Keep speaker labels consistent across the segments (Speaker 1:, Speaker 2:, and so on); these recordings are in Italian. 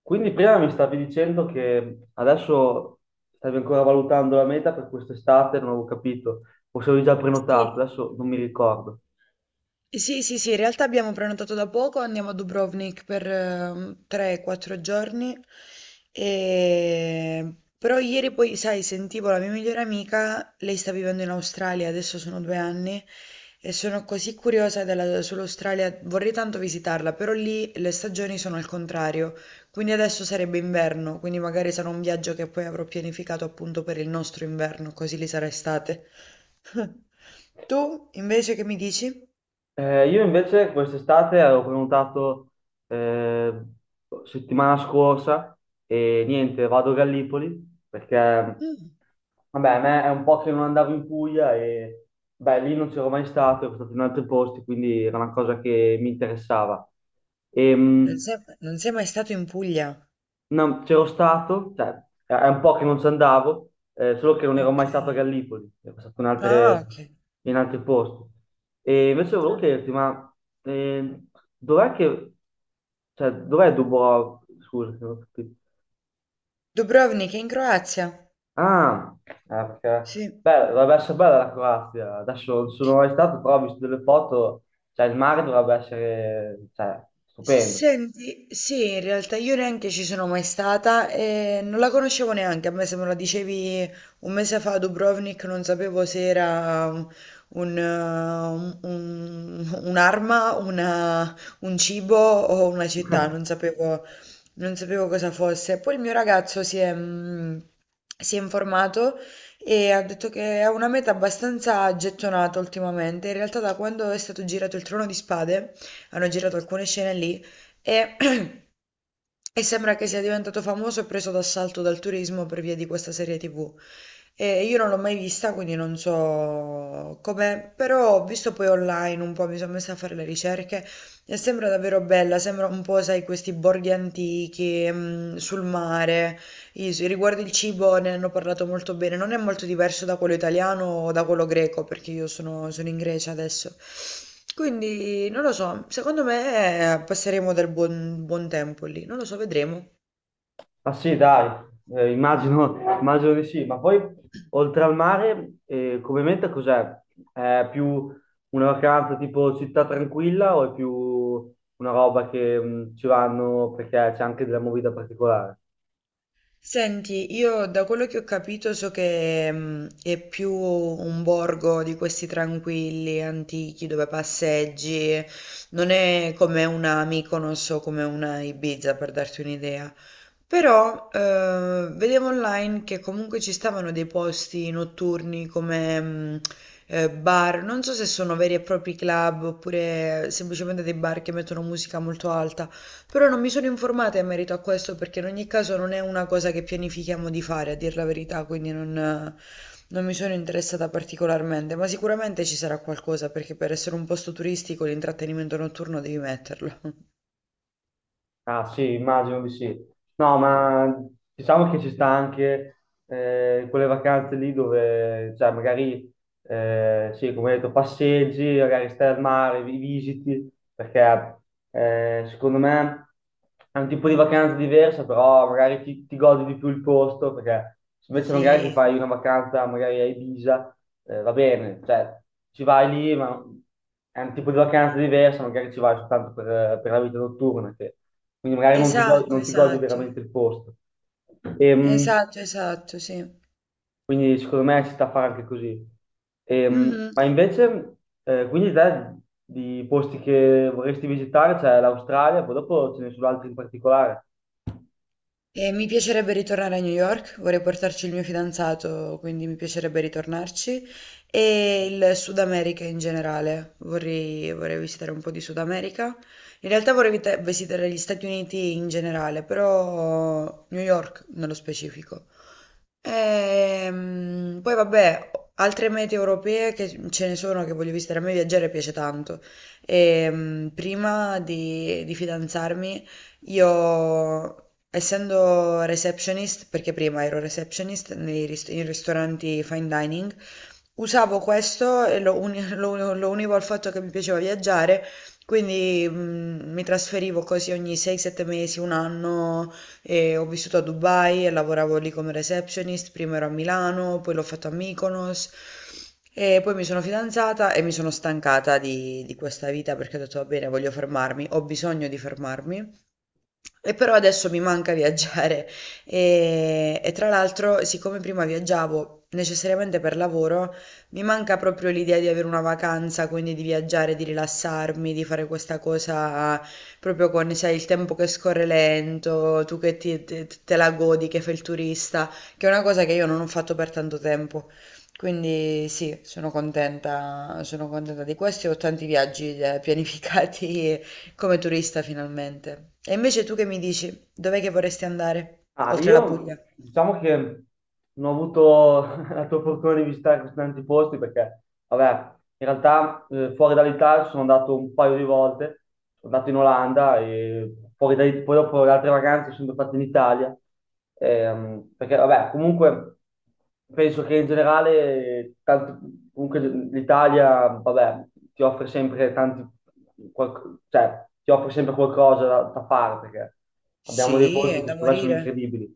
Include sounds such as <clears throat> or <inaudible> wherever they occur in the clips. Speaker 1: Quindi prima mi stavi dicendo che adesso stavi ancora valutando la meta per quest'estate, non avevo capito, o se avevi già
Speaker 2: Sì.
Speaker 1: prenotato, adesso non mi ricordo.
Speaker 2: Sì, in realtà abbiamo prenotato da poco, andiamo a Dubrovnik per 3-4 giorni, però ieri poi, sai, sentivo la mia migliore amica, lei sta vivendo in Australia, adesso sono due anni, e sono così sull'Australia, vorrei tanto visitarla, però lì le stagioni sono al contrario, quindi adesso sarebbe inverno, quindi magari sarà un viaggio che poi avrò pianificato appunto per il nostro inverno, così lì sarà estate. <laughs> Tu invece che mi dici?
Speaker 1: Io invece quest'estate avevo prenotato eh, settimana scorsa e niente, vado a Gallipoli perché
Speaker 2: Mm,
Speaker 1: vabbè, a me è un po' che non andavo in Puglia e beh, lì non c'ero mai stato, ero stato in altri posti, quindi era una cosa che mi interessava.
Speaker 2: non
Speaker 1: Ehm,
Speaker 2: sei, non sei mai stato in Puglia?
Speaker 1: No, c'ero stato, cioè, è un po' che non ci andavo, solo che non ero mai
Speaker 2: Ok.
Speaker 1: stato a Gallipoli, ero stato in
Speaker 2: Ah, ok.
Speaker 1: in altri posti. E invece volevo
Speaker 2: Ah.
Speaker 1: chiederti, ma eh, dov'è che, cioè, dov'è Dubrovnik? Scusa, se non ho capito.
Speaker 2: Dubrovnik è in Croazia?
Speaker 1: Ah, ah, perché,
Speaker 2: Sì.
Speaker 1: beh, dovrebbe essere bella la Croazia, adesso non sono mai stato, però ho visto delle foto, cioè il mare dovrebbe essere, cioè, stupendo.
Speaker 2: Senti, sì, in realtà io neanche ci sono mai stata e non la conoscevo neanche. A me se me la dicevi un mese fa a Dubrovnik non sapevo se era un- un'arma, un cibo o una città, non sapevo cosa fosse. Poi il mio ragazzo si è informato e ha detto che è una meta abbastanza gettonata ultimamente. In realtà da quando è stato girato il Trono di Spade. Hanno girato alcune scene lì e, <clears throat> e sembra che sia diventato famoso e preso d'assalto dal turismo per via di questa serie TV. Io non l'ho mai vista, quindi non so com'è, però ho visto poi online un po', mi sono messa a fare le ricerche e sembra davvero bella, sembra un po', sai, questi borghi antichi, mm, sul mare. Riguardo il cibo ne hanno parlato molto bene, non è molto diverso da quello italiano o da quello greco, perché sono in Grecia adesso. Quindi non lo so, secondo me passeremo del buon tempo lì, non lo so, vedremo.
Speaker 1: Ah sì, dai, immagino, <laughs> immagino di sì, ma poi oltre al mare, come meta cos'è? È più una vacanza tipo città tranquilla o è più una roba che ci vanno perché c'è anche della movida particolare?
Speaker 2: Senti, io da quello che ho capito so che è più un borgo di questi tranquilli, antichi, dove passeggi, non è come una Mykonos o come una Ibiza, per darti un'idea. Però vedevo online che comunque ci stavano dei posti notturni come bar, non so se sono veri e propri club oppure semplicemente dei bar che mettono musica molto alta però non mi sono informata in merito a questo perché in ogni caso non è una cosa che pianifichiamo di fare, a dir la verità, quindi non mi sono interessata particolarmente, ma sicuramente ci sarà qualcosa perché per essere un posto turistico l'intrattenimento notturno devi metterlo. <laughs>
Speaker 1: Ah sì, immagino di sì. No, ma diciamo che ci sta anche quelle vacanze lì dove, cioè, magari sì, come hai detto, passeggi, magari stai al mare, visiti, perché secondo me è un tipo di vacanza diversa, però magari ti godi di più il posto, perché se invece magari ti
Speaker 2: Sì,
Speaker 1: fai una vacanza magari a Ibiza, va bene, cioè ci vai lì, ma è un tipo di vacanza diversa, magari ci vai soltanto per la vita notturna, quindi magari non ti godi,
Speaker 2: esatto,
Speaker 1: non ti godi
Speaker 2: esatto,
Speaker 1: veramente il posto. Ehm,
Speaker 2: esatto, esatto, sì.
Speaker 1: quindi secondo me ci sta a fare anche così.
Speaker 2: Mhm.
Speaker 1: Ma invece, quindi te di posti che vorresti visitare c'è l'Australia, poi dopo ce ne sono altri in particolare.
Speaker 2: E mi piacerebbe ritornare a New York, vorrei portarci il mio fidanzato, quindi mi piacerebbe ritornarci. E il Sud America in generale, vorrei visitare un po' di Sud America. In realtà visitare gli Stati Uniti in generale, però New York nello specifico. Poi vabbè, altre mete europee che ce ne sono che voglio visitare, a me viaggiare piace tanto. Di fidanzarmi, io, essendo receptionist, perché prima ero receptionist in ristoranti fine dining, usavo questo e lo univo al fatto che mi piaceva viaggiare, quindi mi trasferivo così ogni 6-7 mesi, un anno, e ho vissuto a Dubai e lavoravo lì come receptionist, prima ero a Milano, poi l'ho fatto a Mykonos e poi mi sono fidanzata e mi sono stancata di questa vita perché ho detto va bene, voglio fermarmi, ho bisogno di fermarmi e però adesso mi manca viaggiare e tra l'altro, siccome prima viaggiavo necessariamente per lavoro, mi manca proprio l'idea di avere una vacanza, quindi di viaggiare, di rilassarmi, di fare questa cosa proprio con, sai, il tempo che scorre lento, tu che te la godi, che fai il turista, che è una cosa che io non ho fatto per tanto tempo. Quindi sì, sono contenta di questo e ho tanti viaggi pianificati come turista finalmente. E invece tu che mi dici? Dov'è che vorresti andare?
Speaker 1: Ah,
Speaker 2: Oltre la
Speaker 1: io
Speaker 2: Puglia?
Speaker 1: diciamo che non ho avuto <laughs> la tua fortuna di visitare così tanti posti perché, vabbè, in realtà fuori dall'Italia sono andato un paio di volte, sono andato in Olanda e poi dopo le altre vacanze sono fatte in Italia. Perché vabbè, comunque penso che in generale, comunque l'Italia, vabbè, ti offre sempre tanti, cioè, ti offre sempre qualcosa da, da fare, perché abbiamo dei
Speaker 2: Sì,
Speaker 1: posti
Speaker 2: è
Speaker 1: che
Speaker 2: da
Speaker 1: secondo me sono
Speaker 2: morire.
Speaker 1: incredibili.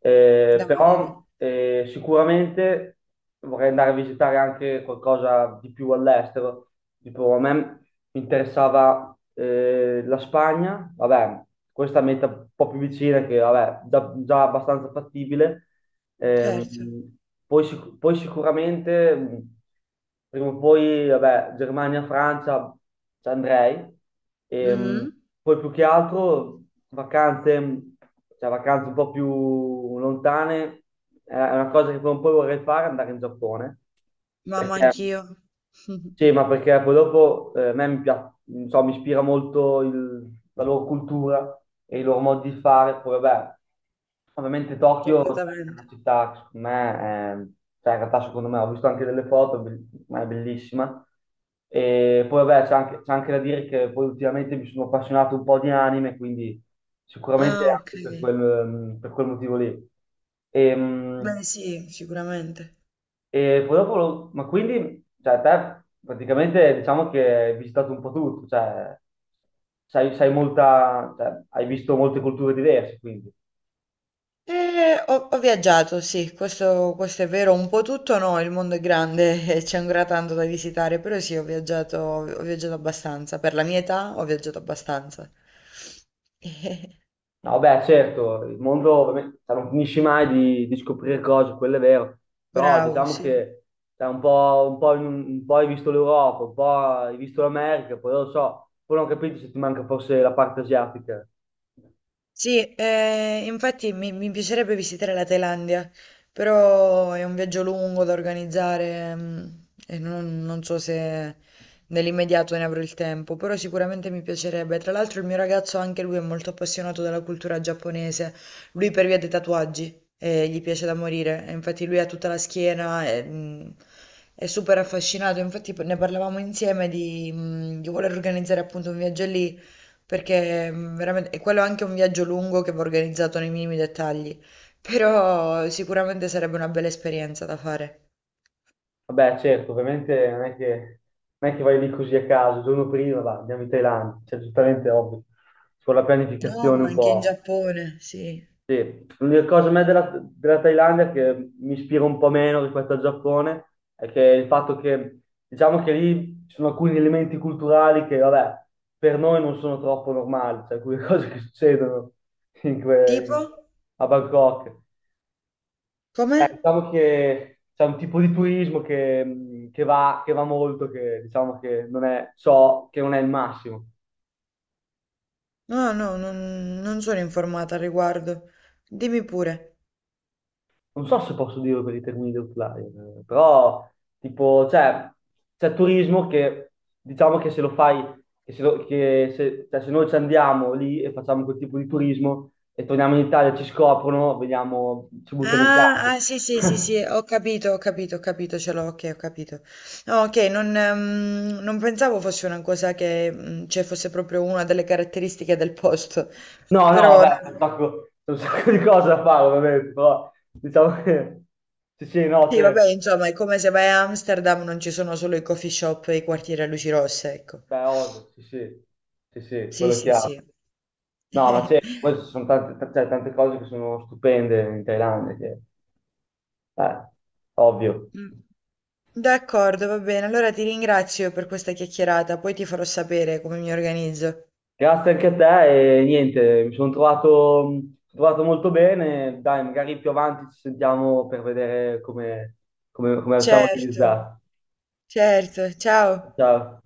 Speaker 2: Da morire.
Speaker 1: Però sicuramente vorrei andare a visitare anche qualcosa di più all'estero. Tipo, a me mi interessava la Spagna, vabbè, questa meta un po' più vicina, che vabbè, già abbastanza fattibile. Ehm,
Speaker 2: Certo.
Speaker 1: Poi, poi sicuramente, prima o poi, vabbè, Germania, Francia, ci andrei. Ehm,
Speaker 2: Mhm.
Speaker 1: Poi più che altro vacanze, cioè vacanze un po' più lontane, è una cosa che prima o poi vorrei fare, andare in Giappone,
Speaker 2: Mamma
Speaker 1: perché
Speaker 2: anch'io. <laughs>
Speaker 1: sì, ma perché poi dopo a me mi piace, non so, mi ispira molto la loro cultura e il loro modo di fare. Poi vabbè, ovviamente Tokyo cioè, è
Speaker 2: Completamente.
Speaker 1: una città che secondo me, cioè in realtà secondo me, ho visto anche delle foto, ma è bellissima. E poi vabbè, c'è anche da dire che poi ultimamente mi sono appassionato un po' di anime, quindi sicuramente
Speaker 2: Ah, ok.
Speaker 1: anche per per quel motivo lì. Ehm,
Speaker 2: Beh, sì, sicuramente.
Speaker 1: e poi dopo, ma quindi, cioè, te praticamente diciamo che hai visitato un po' tutto, cioè, sai, sai molta, cioè, hai visto molte culture diverse, quindi.
Speaker 2: Ho viaggiato, sì, questo è vero, un po' tutto no, il mondo è grande <laughs> e c'è ancora tanto da visitare, però sì, ho viaggiato abbastanza, per la mia età ho viaggiato abbastanza. <laughs>
Speaker 1: No, beh, certo, il mondo ovviamente, cioè, non finisci mai di, di scoprire cose, quello è vero, però
Speaker 2: Bravo,
Speaker 1: diciamo
Speaker 2: sì.
Speaker 1: che cioè, un po' hai visto l'Europa, un po' hai visto l'America, poi non lo so, poi non ho capito se ti manca forse la parte asiatica.
Speaker 2: Sì, infatti mi piacerebbe visitare la Thailandia, però è un viaggio lungo da organizzare, mm, e non so se nell'immediato ne avrò il tempo, però sicuramente mi piacerebbe. Tra l'altro il mio ragazzo anche lui è molto appassionato della cultura giapponese, lui per via dei tatuaggi, gli piace da morire, e infatti lui ha tutta la schiena, e, è super affascinato, infatti ne parlavamo insieme di, di voler organizzare appunto un viaggio lì. Perché, veramente e quello è anche un viaggio lungo che va organizzato nei minimi dettagli, però sicuramente sarebbe una bella esperienza da fare.
Speaker 1: Vabbè, certo, ovviamente non è che vai lì così a caso, il giorno prima andiamo in Thailandia, cioè giustamente è ovvio, con la
Speaker 2: No,
Speaker 1: pianificazione
Speaker 2: ma
Speaker 1: un
Speaker 2: anche in
Speaker 1: po'.
Speaker 2: Giappone, sì.
Speaker 1: Sì, l'unica cosa a me della Thailandia che mi ispira un po' meno rispetto al Giappone è che il fatto che, diciamo che lì ci sono alcuni elementi culturali che, vabbè, per noi non sono troppo normali, cioè alcune <laughs> cose che succedono in
Speaker 2: Tipo?
Speaker 1: a Bangkok.
Speaker 2: Come?
Speaker 1: Diciamo che c'è un tipo di turismo che, che va molto, che diciamo che non è, so che non è il massimo.
Speaker 2: No, no, non sono informata al riguardo. Dimmi pure.
Speaker 1: Non so se posso dirlo per i termini di outline, però tipo, cioè, c'è turismo che diciamo che se lo fai, che se, lo- che se- cioè, se noi ci andiamo lì e facciamo quel tipo di turismo e torniamo in Italia, ci scoprono, vediamo, ci buttano in
Speaker 2: Ah,
Speaker 1: casa.
Speaker 2: ah, sì, sì, sì, sì,
Speaker 1: <laughs>
Speaker 2: ho capito, ho capito, ho capito, ce l'ho, okay, ho capito. No, okay, non pensavo fosse una cosa che, cioè fosse proprio una delle caratteristiche del posto,
Speaker 1: No, no,
Speaker 2: però no.
Speaker 1: vabbè, c'è un sacco di cose da fare, ovviamente, però diciamo che sì, sì, no,
Speaker 2: Sì, vabbè,
Speaker 1: certo,
Speaker 2: insomma, è come se vai a Amsterdam non ci sono solo i coffee shop e i quartieri a luci rosse, ecco.
Speaker 1: beh, ovvio, sì, sì, sì, sì,
Speaker 2: Sì,
Speaker 1: quello è
Speaker 2: sì,
Speaker 1: chiaro.
Speaker 2: sì.
Speaker 1: No, ma c'è, poi ci
Speaker 2: <laughs>
Speaker 1: sono tante, cioè, tante cose che sono stupende in Thailandia, che, eh, ovvio.
Speaker 2: Mm. D'accordo, va bene. Allora ti ringrazio per questa chiacchierata, poi ti farò sapere come mi organizzo.
Speaker 1: Grazie anche a te e niente, mi sono trovato molto bene, dai, magari più avanti ci sentiamo per vedere come siamo
Speaker 2: Certo,
Speaker 1: organizzati.
Speaker 2: certo. Ciao.
Speaker 1: Ciao.